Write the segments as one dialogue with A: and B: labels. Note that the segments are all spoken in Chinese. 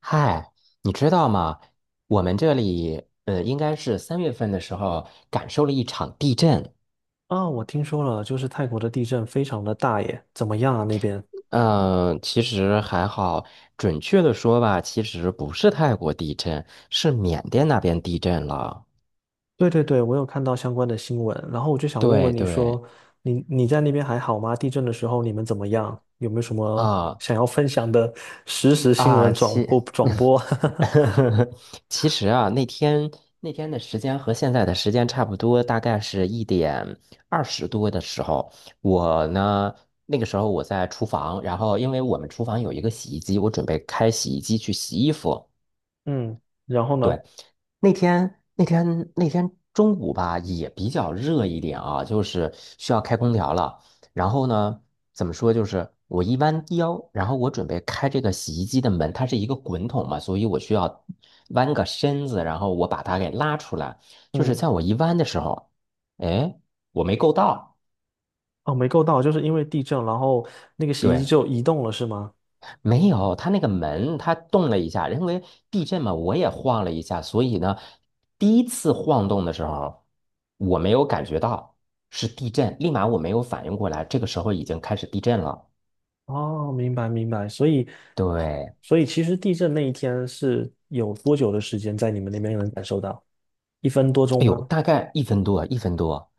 A: 嗨，你知道吗？我们这里，应该是三月份的时候感受了一场地震。
B: 啊，我听说了，就是泰国的地震非常的大耶，怎么样啊那边？
A: 嗯、其实还好，准确的说吧，其实不是泰国地震，是缅甸那边地震了。
B: 对对对，我有看到相关的新闻，然后我就想问
A: 对
B: 问你
A: 对，
B: 说，你在那边还好吗？地震的时候你们怎么样？有没有什么
A: 啊
B: 想要分享的实时新
A: 啊，
B: 闻转播转 播？
A: 其实啊，那天的时间和现在的时间差不多，大概是1点20多的时候，我呢那个时候我在厨房，然后因为我们厨房有一个洗衣机，我准备开洗衣机去洗衣服。
B: 嗯，然后
A: 对，
B: 呢？
A: 那天中午吧，也比较热一点啊，就是需要开空调了。然后呢，怎么说，就是我一弯腰，然后我准备开这个洗衣机的门，它是一个滚筒嘛，所以我需要弯个身子，然后我把它给拉出来。就是
B: 嗯，
A: 在我一弯的时候，哎，我没够到，
B: 哦，没够到，就是因为地震，然后那个洗衣
A: 对，
B: 机就移动了，是吗？
A: 没有，它那个门它动了一下，因为地震嘛，我也晃了一下，所以呢，第一次晃动的时候，我没有感觉到是地震，立马我没有反应过来，这个时候已经开始地震了。
B: 哦，明白明白，所以，
A: 对，
B: 所以其实地震那一天是有多久的时间在你们那边能感受到？1分多钟
A: 哎呦，
B: 吗？
A: 大概一分多，一分多，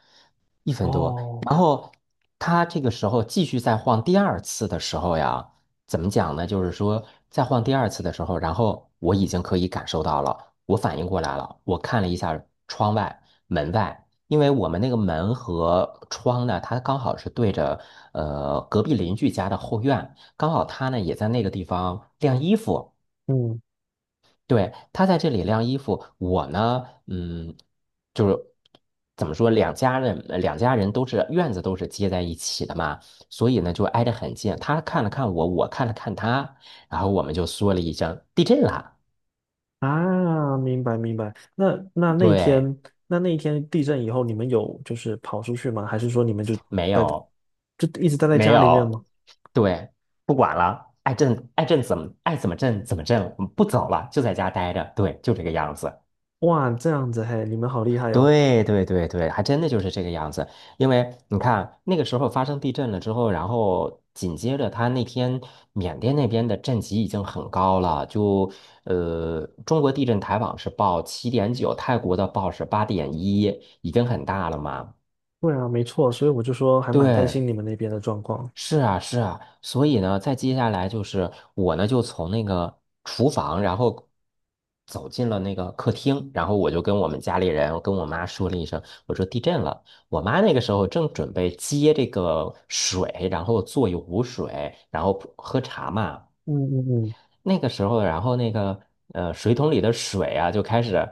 A: 一分多。
B: 哦，
A: 然后他这个时候继续再晃第二次的时候呀，怎么讲呢？就是说再晃第二次的时候，然后我已经可以感受到了，我反应过来了。我看了一下窗外、门外，因为我们那个门和窗呢，它刚好是对着隔壁邻居家的后院，刚好他呢也在那个地方晾衣服。
B: 嗯
A: 对，他在这里晾衣服，我呢，就是怎么说，两家人都是院子都是接在一起的嘛，所以呢就挨得很近。他看了看我，我看了看他，然后我们就说了一声地震了。
B: 啊，明白明白。
A: 对，
B: 那一天地震以后，你们有就是跑出去吗？还是说你们就
A: 没
B: 待在，
A: 有，
B: 就一直待在
A: 没
B: 家里面
A: 有，
B: 吗？
A: 对，不管了，爱震爱震怎么爱怎么震怎么震，我们不走了，就在家待着，对，就这个样子。
B: 哇，这样子嘿，你们好厉害哦。
A: 对对对对，还真的就是这个样子。因为你看，那个时候发生地震了之后，然后紧接着他那天缅甸那边的震级已经很高了，就中国地震台网是报7.9，泰国的报是8.1，已经很大了嘛。
B: 对啊，没错，所以我就说还蛮担
A: 对，
B: 心你们那边的状况。
A: 是啊，是啊，所以呢，再接下来就是我呢，就从那个厨房，然后走进了那个客厅，然后我就跟我们家里人，我跟我妈说了一声，我说地震了。我妈那个时候正准备接这个水，然后做一壶水，然后喝茶嘛。
B: 嗯嗯嗯，
A: 那个时候，然后那个水桶里的水啊，就开始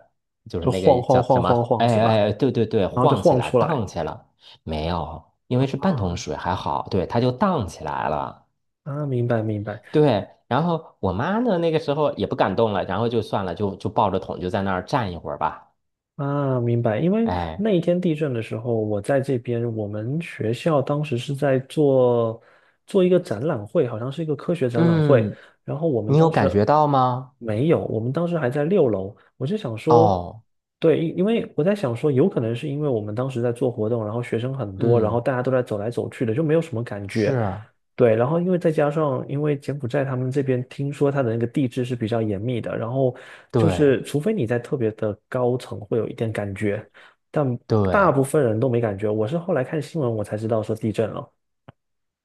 A: 就是
B: 就
A: 那
B: 晃
A: 个
B: 晃
A: 叫
B: 晃
A: 什么？
B: 晃晃
A: 哎
B: 是吧？
A: 哎，哎对对对，
B: 然后就
A: 晃起
B: 晃
A: 来，
B: 出来。
A: 荡起来。没有，因为是半桶
B: 啊，
A: 水，还好，对，它就荡起来了。
B: 啊，明白明白
A: 对，然后我妈呢，那个时候也不敢动了，然后就算了，就抱着桶就在那儿站一会儿吧。
B: 啊，明白。因为
A: 哎，
B: 那一天地震的时候，我在这边，我们学校当时是在做一个展览会，好像是一个科学展览会。
A: 嗯，
B: 然后我们
A: 你有
B: 当时
A: 感觉到吗？
B: 没有，我们当时还在6楼。我就想说，
A: 哦，
B: 对，因为我在想说，有可能是因为我们当时在做活动，然后学生很多，然后
A: 嗯，
B: 大家都在走来走去的，就没有什么感觉。
A: 是，
B: 对，然后因为再加上，因为柬埔寨他们这边听说它的那个地质是比较严密的，然后就
A: 对
B: 是除非你在特别的高层会有一点感觉，但大
A: 对
B: 部分人都没感觉。我是后来看新闻我才知道说地震了，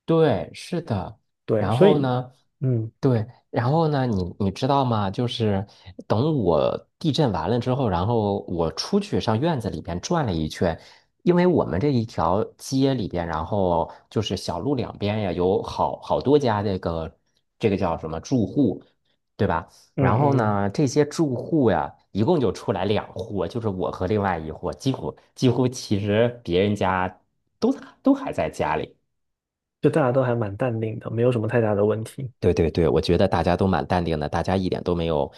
A: 对，是的。
B: 对，
A: 然
B: 所
A: 后
B: 以
A: 呢？
B: 嗯
A: 对，然后呢，你知道吗？就是等我地震完了之后，然后我出去上院子里边转了一圈，因为我们这一条街里边，然后就是小路两边呀，有好好多家这个叫什么住户，对吧？
B: 嗯
A: 然后
B: 嗯嗯，
A: 呢，这些住户呀，一共就出来两户，就是我和另外一户，几乎其实别人家都都还在家里。
B: 就大家都还蛮淡定的，没有什么太大的问题。
A: 对对对，我觉得大家都蛮淡定的，大家一点都没有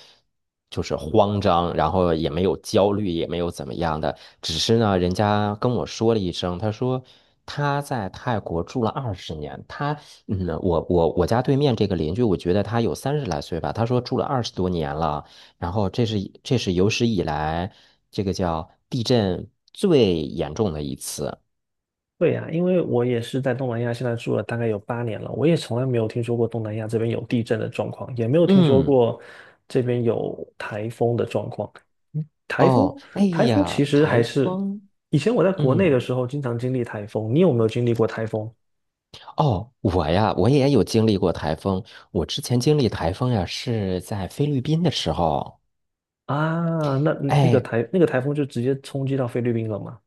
A: 就是慌张，然后也没有焦虑，也没有怎么样的。只是呢，人家跟我说了一声，他说他在泰国住了20年，我家对面这个邻居，我觉得他有30来岁吧，他说住了20多年了，然后这是有史以来这个叫地震最严重的一次。
B: 对呀，因为我也是在东南亚，现在住了大概有8年了，我也从来没有听说过东南亚这边有地震的状况，也没有听说
A: 嗯，
B: 过这边有台风的状况。嗯台风，
A: 哦，哎
B: 台风其
A: 呀，
B: 实还
A: 台
B: 是
A: 风，
B: 以前我在国内
A: 嗯。
B: 的时候经常经历台风，你有没有经历过台风？
A: 哦，我呀，我也有经历过台风。我之前经历台风呀，是在菲律宾的时候。
B: 啊？那那个
A: 哎，
B: 台那个台风就直接冲击到菲律宾了吗？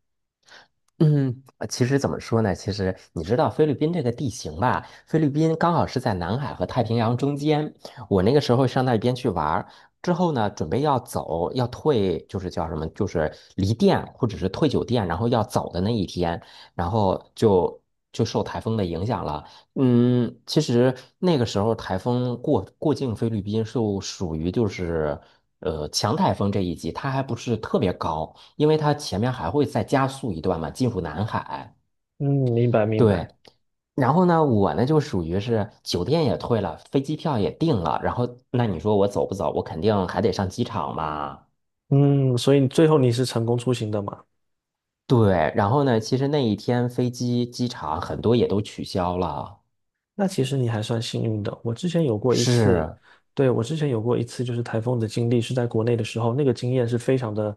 A: 嗯，其实怎么说呢？其实你知道菲律宾这个地形吧？菲律宾刚好是在南海和太平洋中间。我那个时候上那边去玩儿之后呢，准备要走，要退，就是叫什么，就是离店或者是退酒店，然后要走的那一天，然后就受台风的影响了。嗯，其实那个时候台风过境菲律宾就属于就是强台风这一级，它还不是特别高，因为它前面还会再加速一段嘛，进入南海。
B: 嗯，明白明
A: 对，
B: 白。
A: 然后呢，我呢就属于是酒店也退了，飞机票也订了，然后那你说我走不走？我肯定还得上机场嘛。
B: 嗯，所以最后你是成功出行的嘛？
A: 对，然后呢，其实那一天飞机、机场很多也都取消了。
B: 那其实你还算幸运的。我之前有过一次，
A: 是，
B: 对，我之前有过一次就是台风的经历，是在国内的时候，那个经验是非常的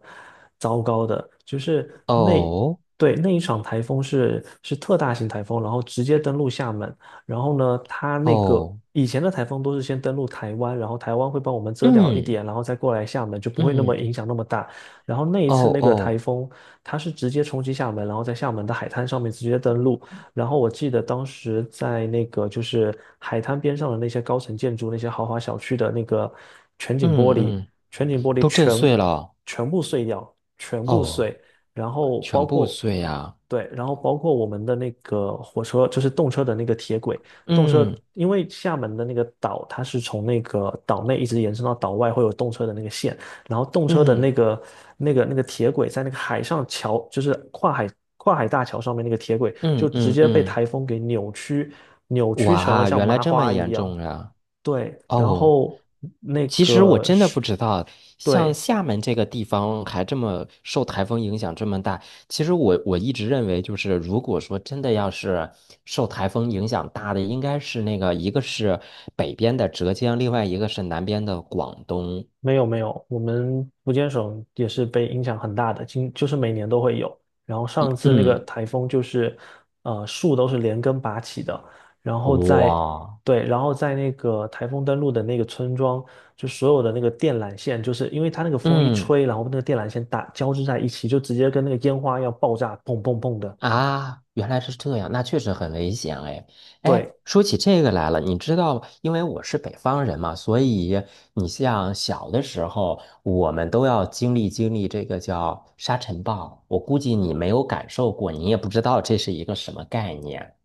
B: 糟糕的。就是那，
A: 哦
B: 对，那一场台风是特大型台风，然后直接登陆厦门。然后呢，它那个
A: 哦，
B: 以前的台风都是先登陆台湾，然后台湾会帮我们遮掉一
A: 嗯
B: 点，然后再过来厦门，就不会那么
A: 嗯。
B: 影响那么大。然后那一次
A: 哦
B: 那个台
A: 哦，
B: 风，它是直接冲击厦门，然后在厦门的海滩上面直接登陆。然后我记得当时在那个就是海滩边上的那些高层建筑、那些豪华小区的那个全景玻
A: 嗯
B: 璃，
A: 嗯，
B: 全景玻璃
A: 都震
B: 全
A: 碎了，
B: 全部碎掉，全部
A: 哦，
B: 碎。然后包
A: 全部
B: 括
A: 碎呀，
B: 对，然后包括我们的那个火车，就是动车的那个铁轨，动车
A: 嗯
B: 因为厦门的那个岛，它是从那个岛内一直延伸到岛外，会有动车的那个线。然后动车的那
A: 嗯
B: 个铁轨在那个海上桥，就是跨海大桥上面那个铁轨，
A: 嗯
B: 就直
A: 嗯
B: 接被
A: 嗯，
B: 台风给扭曲，扭曲成了
A: 哇，
B: 像
A: 原来
B: 麻
A: 这么
B: 花一
A: 严
B: 样。
A: 重呀，
B: 对，然
A: 哦，
B: 后那
A: 其实我
B: 个
A: 真的
B: 是，
A: 不知道，像
B: 对，
A: 厦门这个地方还这么受台风影响这么大，其实我一直认为就是，如果说真的要是受台风影响大的，应该是那个一个是北边的浙江，另外一个是南边的广东，
B: 没有没有，我们福建省也是被影响很大的，就是每年都会有。然后上次那个
A: 嗯，
B: 台风就是，树都是连根拔起的，然后在
A: 哇。
B: 对，然后在那个台风登陆的那个村庄，就所有的那个电缆线，就是因为它那个风一
A: 嗯
B: 吹，然后那个电缆线打交织在一起，就直接跟那个烟花要爆炸，砰砰砰的。
A: 啊，原来是这样，那确实很危险哎。
B: 对，
A: 哎，说起这个来了，你知道，因为我是北方人嘛，所以你像小的时候，我们都要经历经历这个叫沙尘暴。我估计你没有感受过，你也不知道这是一个什么概念。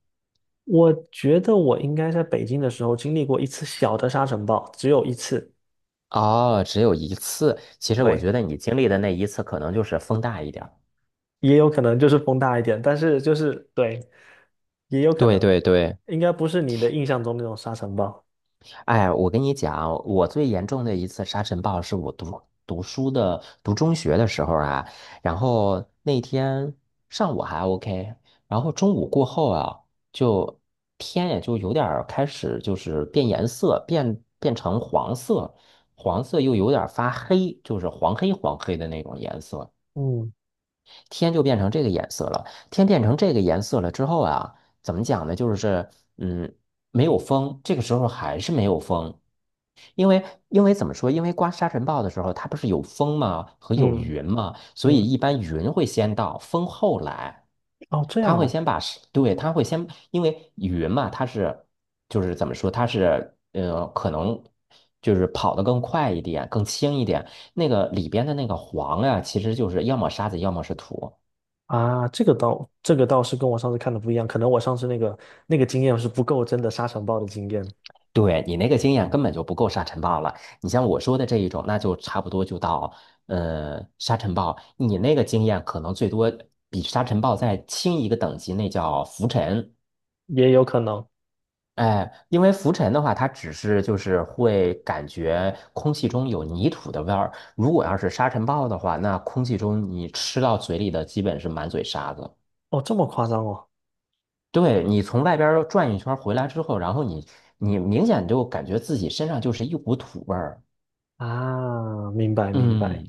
B: 我觉得我应该在北京的时候经历过一次小的沙尘暴，只有一次。
A: 哦，只有一次。其实我
B: 对。
A: 觉得你经历的那一次，可能就是风大一点儿。
B: 也有可能就是风大一点，但是就是对，也有可
A: 对
B: 能，
A: 对对。
B: 应该不是你的印象中那种沙尘暴。
A: 哎，我跟你讲，我最严重的一次沙尘暴是我读书的读中学的时候啊，然后那天上午还 OK，然后中午过后啊，就天也就有点儿开始就是变颜色，变成黄色，黄色又有点儿发黑，就是黄黑黄黑的那种颜色。
B: 嗯
A: 天就变成这个颜色了。天变成这个颜色了之后啊，怎么讲呢？就是嗯，没有风，这个时候还是没有风。因为怎么说？因为刮沙尘暴的时候，它不是有风吗？和有
B: 嗯
A: 云吗？所以
B: 嗯，
A: 一般云会先到，风后来。
B: 哦，这
A: 它
B: 样
A: 会
B: 哦，
A: 先把沙对，它会先，因为云嘛，它是就是怎么说？它是可能就是跑得更快一点，更轻一点，那个里边的那个黄呀、其实就是要么沙子，要么是土。
B: 啊，这个倒是跟我上次看的不一样，可能我上次那个经验是不够真的沙尘暴的经验，
A: 对，你那个经验根本就不够沙尘暴了。你像我说的这一种，那就差不多就到沙尘暴。你那个经验可能最多比沙尘暴再轻一个等级，那叫浮尘。
B: 也有可能。
A: 哎，因为浮尘的话，它只是就是会感觉空气中有泥土的味儿。如果要是沙尘暴的话，那空气中你吃到嘴里的基本是满嘴沙子。
B: 哦，这么夸张哦。
A: 对，你从外边儿转一圈儿回来之后，然后你明显就感觉自己身上就是一股土味儿。
B: 啊，明白明
A: 嗯，
B: 白，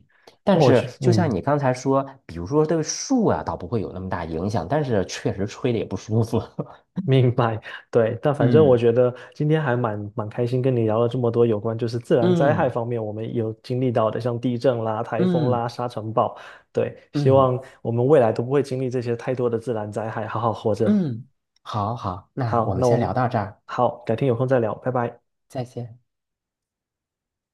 B: 那
A: 但
B: 我
A: 是
B: 去，
A: 就像
B: 嗯。
A: 你刚才说，比如说对树啊，倒不会有那么大影响，但是确实吹的也不舒服。
B: 明白，对，但反正我
A: 嗯，
B: 觉得今天还蛮开心，跟你聊了这么多有关就是自然灾害
A: 嗯
B: 方面我们有经历到的，像地震啦、台风
A: 嗯
B: 啦、沙尘暴，对，希
A: 嗯
B: 望我们未来都不会经历这些太多的自然灾害，好好活着。
A: 嗯，好好，那
B: 好，
A: 我们
B: 那我
A: 先聊
B: 们
A: 到这儿，
B: 好，改天有空再聊，拜拜。
A: 再见。